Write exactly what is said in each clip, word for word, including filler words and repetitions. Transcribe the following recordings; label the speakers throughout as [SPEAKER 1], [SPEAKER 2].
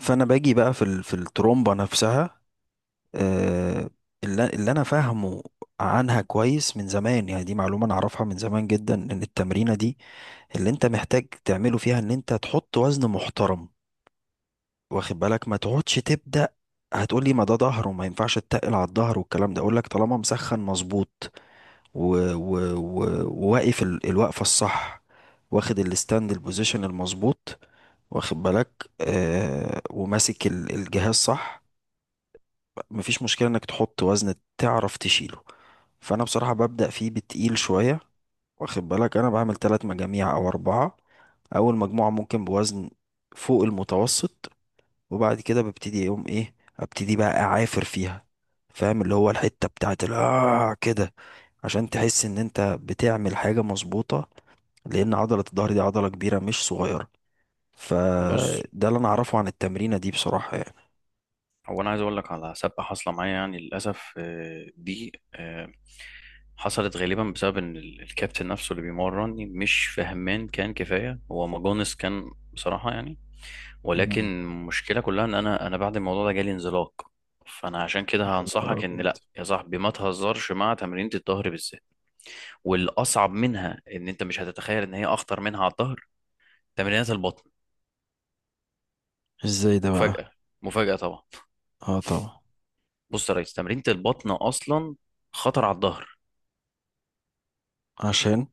[SPEAKER 1] فانا باجي بقى في ال- في الترومبه نفسها، آه، اللي اللي انا فاهمه عنها كويس من زمان. يعني دي معلومه انا اعرفها من زمان جدا، ان التمرينه دي اللي انت محتاج تعمله فيها ان انت تحط وزن محترم، واخد بالك، ما تقعدش تبدا. هتقولي ما ده ظهر وما ينفعش تتقل على الظهر والكلام ده. اقول لك طالما مسخن مظبوط و- و- و- وواقف ال- الوقفه الصح، واخد الستاند البوزيشن المظبوط، واخد بالك، آه وماسك ال- الجهاز صح، مفيش مشكلة انك تحط وزن تعرف تشيله. فانا بصراحة ببدأ فيه بتقيل شوية، واخد بالك. انا بعمل ثلاث مجاميع او اربعة. اول مجموعة ممكن بوزن فوق المتوسط، وبعد كده ببتدي يوم ايه، ابتدي بقى اعافر فيها، فاهم؟ اللي هو الحتة بتاعت ال- آه كده عشان تحس ان انت بتعمل حاجة مظبوطة، لان عضلة الظهر دي عضلة كبيرة مش صغيرة.
[SPEAKER 2] بص،
[SPEAKER 1] فده اللي انا اعرفه عن التمرينة دي بصراحة يعني.
[SPEAKER 2] هو انا عايز اقول لك على سابقه حاصله معايا، يعني للاسف. آه، دي آه، حصلت غالبا بسبب ان ال- الكابتن نفسه اللي بيمرني مش فهمان، كان كفايه هو ماجونس كان بصراحه يعني. ولكن
[SPEAKER 1] مم.
[SPEAKER 2] المشكله كلها ان انا انا بعد الموضوع ده جالي انزلاق. فانا عشان
[SPEAKER 1] يا
[SPEAKER 2] كده
[SPEAKER 1] نهار
[SPEAKER 2] هنصحك ان
[SPEAKER 1] أبيض.
[SPEAKER 2] لا يا صاحبي، ما تهزرش مع تمرينة الظهر بالذات. والاصعب منها ان انت مش هتتخيل ان هي اخطر منها على الظهر، تمرينات البطن.
[SPEAKER 1] إزاي ده بقى؟
[SPEAKER 2] مفاجاه؟ مفاجاه طبعا.
[SPEAKER 1] آه طبعا.
[SPEAKER 2] بص يا ريس، تمرينة البطن أصلا خطر على الظهر.
[SPEAKER 1] عشان.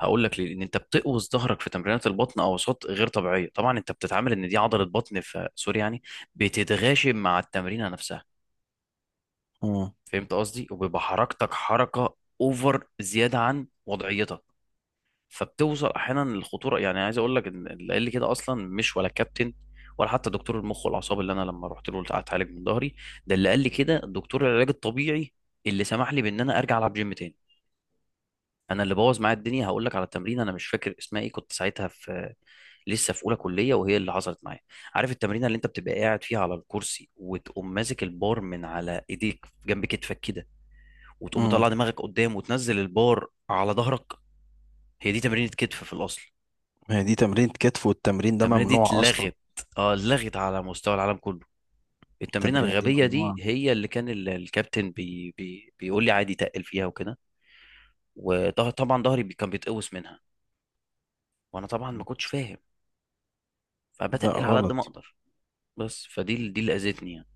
[SPEAKER 2] هقول لك ليه. لأن أنت بتقوس ظهرك في تمرينات البطن أوساط غير طبيعية. طبعا أنت بتتعامل إن دي عضلة بطن، في سوري يعني، بتتغاشم مع التمرينة نفسها.
[SPEAKER 1] مم.
[SPEAKER 2] فهمت قصدي؟ وبيبقى حركتك حركة أوفر، زيادة عن وضعيتك، فبتوصل أحيانا للخطورة. يعني عايز أقول لك إن اللي قال لي كده أصلا مش ولا كابتن، ولا حتى دكتور المخ والأعصاب اللي أنا لما رحت له أتعالج من ظهري. ده اللي قال لي كده دكتور العلاج الطبيعي، اللي سمح لي بإن أنا أرجع ألعب جيم تاني. انا اللي بوظ معايا الدنيا، هقول لك على تمرين انا مش فاكر اسمها ايه. كنت ساعتها في لسه في اولى كليه، وهي اللي حصلت معايا. عارف التمرين اللي انت بتبقى قاعد فيها على الكرسي، وتقوم ماسك البار من على ايديك جنب كتفك كده، وتقوم
[SPEAKER 1] مم.
[SPEAKER 2] مطلع دماغك قدام وتنزل البار على ظهرك؟ هي دي تمرينه كتف في الاصل.
[SPEAKER 1] ما هي دي تمرين كتف، والتمرين ده
[SPEAKER 2] التمرينه دي
[SPEAKER 1] ممنوع اصلا.
[SPEAKER 2] اتلغت. اه اتلغت على مستوى العالم كله. التمرينه
[SPEAKER 1] التمرينه دي
[SPEAKER 2] الغبيه دي
[SPEAKER 1] ممنوعه.
[SPEAKER 2] هي اللي كان ال- الكابتن بي بي بيقول لي عادي تقل فيها وكده. وطبعا ظهري بي- كان بيتقوس منها. وانا طبعا ما كنتش فاهم،
[SPEAKER 1] لا،
[SPEAKER 2] فبتقل على قد ما
[SPEAKER 1] غلط.
[SPEAKER 2] اقدر. بس فدي ال- دي اللي اذتني يعني.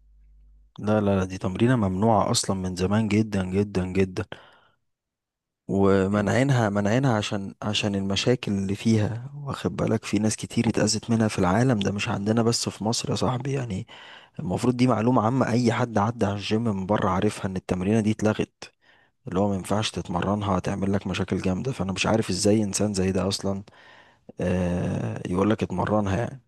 [SPEAKER 1] لا لا لا، دي تمرينه ممنوعه اصلا من زمان جدا جدا جدا،
[SPEAKER 2] يعني
[SPEAKER 1] ومنعينها منعينها عشان عشان المشاكل اللي فيها، واخد بالك؟ في ناس كتير اتأذت منها في العالم، ده مش عندنا بس في مصر يا صاحبي يعني. المفروض دي معلومة عامة، أي حد عدى على الجيم من بره عارفها إن التمرينة دي اتلغت، اللي هو ما ينفعش تتمرنها، هتعمل لك مشاكل جامدة. فأنا مش عارف إزاي إنسان زي ده أصلا آه يقول لك اتمرنها يعني.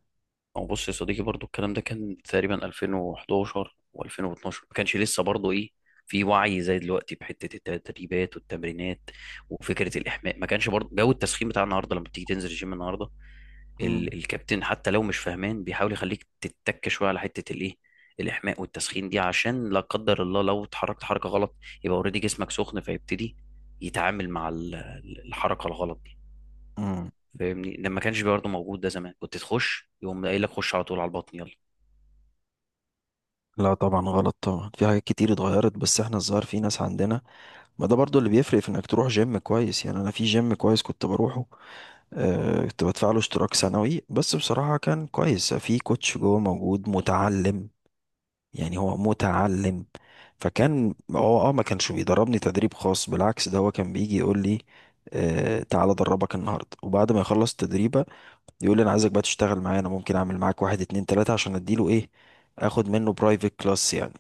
[SPEAKER 2] هو، بص يا صديقي، برضو الكلام ده كان تقريبا ألفين وإحداشر وألفين واتناشر. ما كانش لسه برضو ايه، في وعي زي دلوقتي بحته التدريبات والتمرينات. وفكره الاحماء ما كانش برضو جو التسخين بتاع النهارده لما بتيجي تنزل الجيم النهارده.
[SPEAKER 1] مم.
[SPEAKER 2] ال... الكابتن حتى لو مش فاهمان بيحاول يخليك تتك شويه على حته الايه، الاحماء والتسخين دي، عشان لا قدر الله لو اتحركت حركه غلط، يبقى اوريدي جسمك سخن فيبتدي يتعامل مع ال- الحركه الغلط دي.
[SPEAKER 1] مم.
[SPEAKER 2] فاهمني؟ لما كانش برضه موجود ده زمان كنت تخش يقوم قايل لك خش على طول على البطن، يلا.
[SPEAKER 1] لا طبعا غلط طبعا، في حاجات كتير اتغيرت، بس احنا الظاهر في ناس عندنا. ما ده برضو اللي بيفرق، في انك تروح جيم كويس يعني. انا في جيم كويس كنت بروحه، آه، كنت بدفع له اشتراك سنوي، بس بصراحة كان كويس، في كوتش جوه موجود متعلم، يعني هو متعلم. فكان هو اه ما كانش بيدربني تدريب خاص، بالعكس ده هو كان بيجي يقول لي آه تعالى ادربك النهارده، وبعد ما يخلص التدريب يقول لي انا عايزك بقى تشتغل معايا، انا ممكن اعمل معاك واحد اتنين تلاتة عشان اديله ايه، اخد منه برايفت كلاس يعني.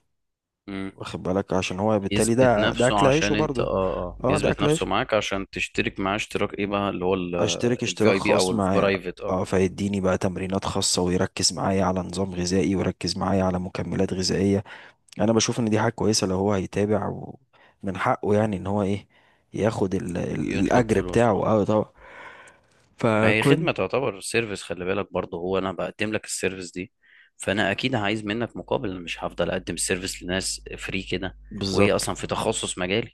[SPEAKER 2] مم.
[SPEAKER 1] واخد بالك؟ عشان هو بالتالي
[SPEAKER 2] يثبت
[SPEAKER 1] ده ده
[SPEAKER 2] نفسه
[SPEAKER 1] اكل عيشه
[SPEAKER 2] عشان انت، اه
[SPEAKER 1] برضه.
[SPEAKER 2] اه
[SPEAKER 1] اه، ده
[SPEAKER 2] بيثبت
[SPEAKER 1] اكل
[SPEAKER 2] نفسه
[SPEAKER 1] عيشه.
[SPEAKER 2] معاك عشان تشترك معاه اشتراك ايه بقى، اللي هو
[SPEAKER 1] اشترك
[SPEAKER 2] الفي
[SPEAKER 1] اشتراك
[SPEAKER 2] اي بي او
[SPEAKER 1] خاص معايا،
[SPEAKER 2] البرايفت،
[SPEAKER 1] اه،
[SPEAKER 2] اه.
[SPEAKER 1] فيديني بقى تمرينات خاصة، ويركز معايا على نظام غذائي، ويركز معايا على مكملات غذائية. انا بشوف ان دي حاجة كويسة لو هو هيتابع، ومن حقه يعني ان هو ايه، ياخد ال- ال-
[SPEAKER 2] يطلب
[SPEAKER 1] الاجر
[SPEAKER 2] فلوس،
[SPEAKER 1] بتاعه،
[SPEAKER 2] اه.
[SPEAKER 1] اه طبعا.
[SPEAKER 2] ما هي
[SPEAKER 1] فكنت
[SPEAKER 2] خدمة، تعتبر سيرفيس، خلي بالك برضه، هو انا بقدم لك السيرفيس دي، فانا اكيد عايز منك مقابل. انا مش هفضل اقدم السيرفيس لناس فري كده، وهي
[SPEAKER 1] بالظبط.
[SPEAKER 2] اصلا في تخصص مجالي.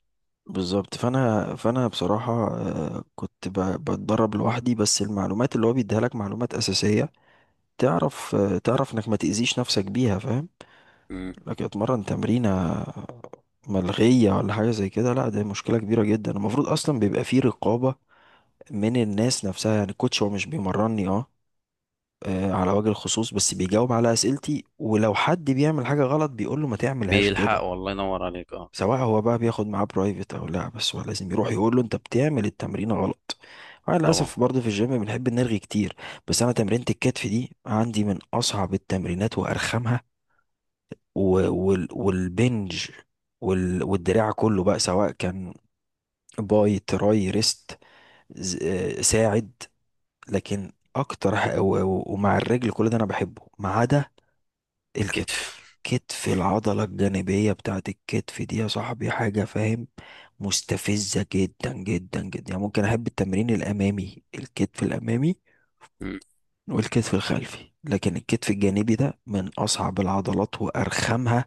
[SPEAKER 1] بالظبط. فانا فانا بصراحه، آه، كنت ب- بتدرب لوحدي، بس المعلومات اللي هو بيديها لك معلومات اساسيه، تعرف، آه، تعرف انك ما تاذيش نفسك بيها، فاهم؟
[SPEAKER 2] مم.
[SPEAKER 1] لكن اتمرن تمرينه ملغيه ولا حاجه زي كده، لا ده مشكله كبيره جدا. المفروض اصلا بيبقى فيه رقابه من الناس نفسها يعني. الكوتش هو مش بيمرني اه، آه، على وجه الخصوص، بس بيجاوب على اسئلتي، ولو حد بيعمل حاجه غلط بيقول له ما تعملهاش
[SPEAKER 2] بيلحق،
[SPEAKER 1] كده،
[SPEAKER 2] والله ينور عليك، اه
[SPEAKER 1] سواء هو بقى بياخد معاه برايفت او لا. بس هو لازم يروح يقول له انت بتعمل التمرين غلط. انا
[SPEAKER 2] طبعا.
[SPEAKER 1] للاسف برضه في الجيم بنحب نرغي كتير. بس انا تمرينة الكتف دي عندي من اصعب التمرينات وارخمها، و- وال- والبنج وال- والدراع كله بقى، سواء كان باي تراي ريست، ز- آه، ساعد. لكن اكتر ح- و- و- ومع الرجل كل ده انا بحبه، ما عدا الكتف.
[SPEAKER 2] الكتف.
[SPEAKER 1] كتف العضلة الجانبية بتاعت الكتف دي يا صاحبي حاجة، فاهم؟ مستفزة جدا جدا جدا، يعني ممكن أحب التمرين الأمامي، الكتف الأمامي والكتف الخلفي، لكن الكتف الجانبي ده من أصعب العضلات وأرخمها،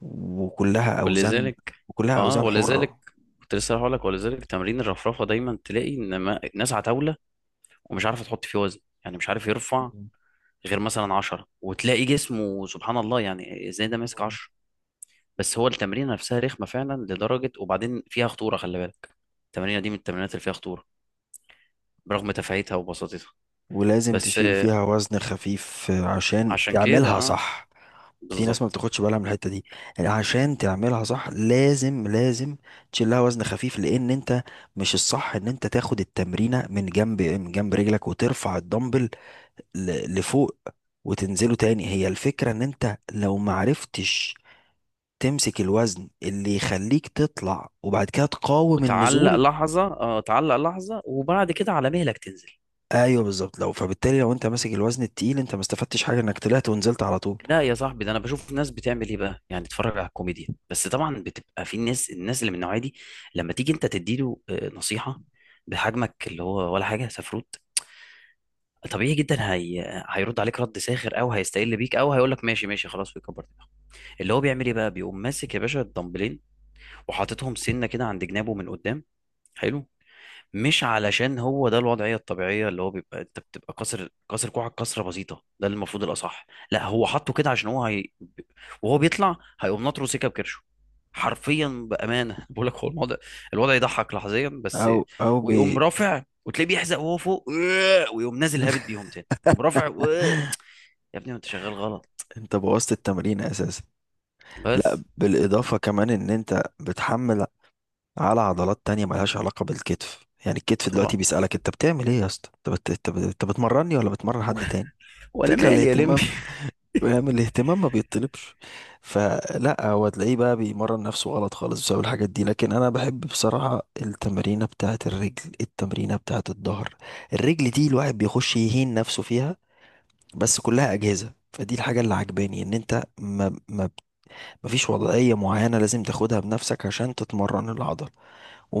[SPEAKER 1] وكلها أوزان،
[SPEAKER 2] ولذلك
[SPEAKER 1] وكلها
[SPEAKER 2] اه
[SPEAKER 1] أوزان
[SPEAKER 2] ولذلك
[SPEAKER 1] حرة.
[SPEAKER 2] كنت لسه هقول لك، ولذلك تمرين الرفرفه دايما تلاقي ان ما... ناس على طاوله، ومش عارفه تحط فيه وزن، يعني مش عارف يرفع
[SPEAKER 1] مم.
[SPEAKER 2] غير مثلا عشرة، وتلاقي جسمه سبحان الله، يعني ازاي ده ماسك
[SPEAKER 1] مم.
[SPEAKER 2] عشرة. بس هو التمرين نفسها رخمه فعلا لدرجه، وبعدين فيها خطوره، خلي بالك. التمرينه دي من التمرينات اللي فيها خطوره، برغم تفاهتها وبساطتها.
[SPEAKER 1] ولازم
[SPEAKER 2] بس
[SPEAKER 1] تشيل
[SPEAKER 2] آه،
[SPEAKER 1] فيها وزن خفيف عشان
[SPEAKER 2] عشان كده
[SPEAKER 1] تعملها
[SPEAKER 2] اه
[SPEAKER 1] صح. في ناس ما
[SPEAKER 2] بالظبط.
[SPEAKER 1] بتاخدش بالها من الحته دي، يعني عشان تعملها صح لازم لازم تشيل لها وزن خفيف، لان انت مش الصح ان انت تاخد التمرينه من جنب، من جنب رجلك، وترفع الدمبل ل- لفوق وتنزله تاني. هي الفكرة ان انت لو معرفتش تمسك الوزن اللي يخليك تطلع، وبعد كده تقاوم
[SPEAKER 2] وتعلق
[SPEAKER 1] النزول.
[SPEAKER 2] لحظه اه تعلق لحظه وبعد كده على مهلك تنزل.
[SPEAKER 1] ايوه بالظبط. لو فبالتالي لو انت ماسك الوزن التقيل، انت ما استفدتش حاجة، انك طلعت ونزلت على طول.
[SPEAKER 2] لا يا صاحبي، ده انا بشوف ناس بتعمل ايه بقى، يعني تتفرج على الكوميديا. بس طبعا بتبقى في الناس الناس اللي من النوعيه دي لما تيجي انت تديله آه، نصيحه بحجمك اللي هو ولا حاجه سفروت، طبيعي جدا هي... هيرد عليك رد ساخر، او هيستقل بيك، او هيقول لك ماشي ماشي، خلاص، ويكبر دماغه. اللي هو بيعمل ايه بقى، بيقوم ماسك يا باشا الدمبلين وحاططهم سنه كده عند جنابه من قدام. حلو. مش علشان هو ده الوضعية الطبيعية، اللي هو بيبقى انت بتبقى كسر كسر كوعك كسرة بسيطة، ده اللي المفروض الأصح. لا، هو حطه كده عشان هو هي... وهو بيطلع هيقوم ناطره سكة بكرشه حرفيا، بأمانة. بقول لك هو الموضوع الوضع يضحك لحظيا بس.
[SPEAKER 1] او او بي
[SPEAKER 2] ويقوم رافع وتلاقيه بيحزق وهو فوق. ويقوم نازل هابط بيهم تاني، يقوم رافع. يا ابني ما انت شغال غلط.
[SPEAKER 1] انت بوظت التمرين اساسا.
[SPEAKER 2] بس.
[SPEAKER 1] لا بالإضافة كمان إن أنت بتحمل على عضلات تانية ملهاش علاقة بالكتف، يعني الكتف
[SPEAKER 2] طبعا.
[SPEAKER 1] دلوقتي بيسألك أنت بتعمل إيه يا اسطى؟ أنت بت... أنت بت... أنت بتمرني ولا بتمرن حد تاني؟
[SPEAKER 2] وانا
[SPEAKER 1] فكرة
[SPEAKER 2] مالي يا لمبي؟
[SPEAKER 1] الاهتمام، يعني الاهتمام ما بيطلبش. فلا هو تلاقيه بقى بيمرن نفسه غلط خالص بسبب الحاجات دي. لكن أنا بحب بصراحة التمرينة بتاعة الرجل، التمرينة بتاعة الظهر. الرجل دي الواحد بيخش يهين نفسه فيها، بس كلها أجهزة. فدي الحاجة اللي عجباني، إن أنت ما ما مفيش وضعية معينة لازم تاخدها بنفسك عشان تتمرن العضلة،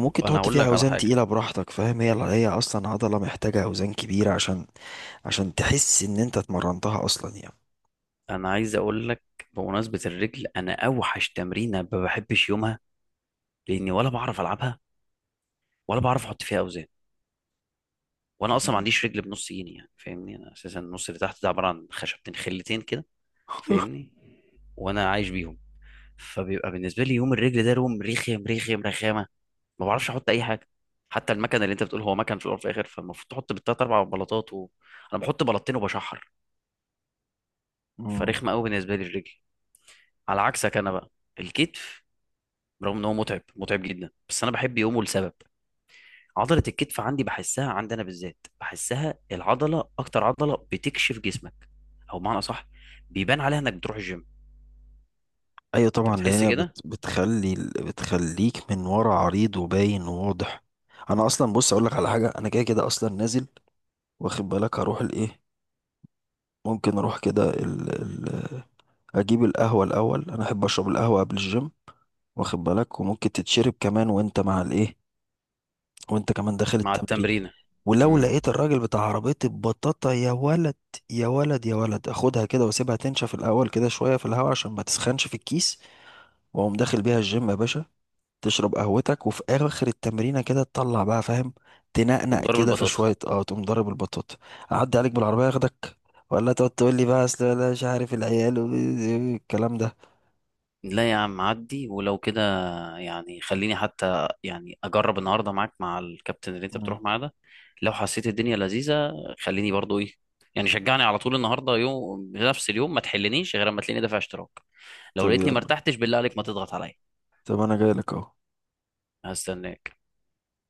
[SPEAKER 2] طب انا
[SPEAKER 1] تحط
[SPEAKER 2] هقول
[SPEAKER 1] فيها
[SPEAKER 2] لك على
[SPEAKER 1] أوزان
[SPEAKER 2] حاجة.
[SPEAKER 1] تقيلة براحتك، فاهم؟ هي هي أصلا عضلة محتاجة أوزان كبيرة عشان عشان تحس إن أنت اتمرنتها أصلا يعني.
[SPEAKER 2] انا عايز اقول لك، بمناسبة الرجل، انا اوحش تمرينة ما بحبش يومها، لاني ولا بعرف العبها، ولا بعرف احط فيها اوزان. وانا اصلا ما
[SPEAKER 1] مم.
[SPEAKER 2] عنديش رجل بنص جيني يعني، فاهمني، انا اساسا النص اللي تحت ده عباره عن خشبتين خلتين كده، فاهمني، وانا عايش بيهم. فبيبقى بالنسبه لي يوم الرجل ده يوم رخم، رخم رخامه. ما بعرفش احط اي حاجه، حتى المكنه اللي انت بتقول هو مكن في الاول وفي الاخر، فالمفروض تحط بالتلات اربع بلاطات، و... انا بحط بلاطتين وبشحر.
[SPEAKER 1] مم.
[SPEAKER 2] فرخمه قوي بالنسبه لي الرجل. على عكسك انا بقى، الكتف، رغم ان هو متعب متعب جدا، بس انا بحب يومه لسبب. عضلة الكتف عندي بحسها، عندنا بالذات بحسها، العضلة أكتر عضلة بتكشف جسمك، أو بمعنى أصح بيبان عليها إنك بتروح الجيم.
[SPEAKER 1] أيوة
[SPEAKER 2] أنت
[SPEAKER 1] طبعا، لأن
[SPEAKER 2] بتحس
[SPEAKER 1] هي بت
[SPEAKER 2] كده؟
[SPEAKER 1] بتخلي ال- بتخليك من ورا عريض وباين وواضح. أنا أصلا، بص أقولك على حاجة، أنا كده كده أصلا نازل، واخد بالك؟ هروح الإيه، ممكن أروح كده ال ال أجيب القهوة الأول، أنا أحب أشرب القهوة قبل الجيم، واخد بالك؟ وممكن تتشرب كمان وأنت مع الإيه، وانت كمان داخل
[SPEAKER 2] مع
[SPEAKER 1] التمرين.
[SPEAKER 2] التمرينة.
[SPEAKER 1] ولو
[SPEAKER 2] امم.
[SPEAKER 1] لقيت الراجل بتاع عربية البطاطا، يا ولد يا ولد يا ولد، اخدها كده واسيبها تنشف الاول كده شوية في الهواء عشان ما تسخنش في الكيس، واقوم داخل بيها الجيم يا باشا. تشرب قهوتك، وفي اخر التمرينة كده تطلع بقى، فاهم؟
[SPEAKER 2] تقوم
[SPEAKER 1] تنقنق
[SPEAKER 2] ضارب
[SPEAKER 1] كده في
[SPEAKER 2] البطاطا.
[SPEAKER 1] شوية، اه تقوم ضارب البطاطا. اعدي عليك بالعربية اخدك، ولا تقعد تقول لي بقى اصل لا مش عارف العيال والكلام ده.
[SPEAKER 2] لا يا عم عدي، ولو كده يعني. خليني حتى يعني أجرب النهاردة معاك مع الكابتن اللي أنت
[SPEAKER 1] مم.
[SPEAKER 2] بتروح معاه ده، لو حسيت الدنيا لذيذة خليني برضو إيه، يعني شجعني على طول. النهاردة يوم، بنفس اليوم، ما تحلنيش غير أما تلاقيني دافع اشتراك. لو
[SPEAKER 1] طب
[SPEAKER 2] لقيتني ما
[SPEAKER 1] يلا.
[SPEAKER 2] ارتحتش، بالله عليك ما
[SPEAKER 1] مم.
[SPEAKER 2] تضغط عليا.
[SPEAKER 1] طب انا جاي لك اهو.
[SPEAKER 2] هستناك.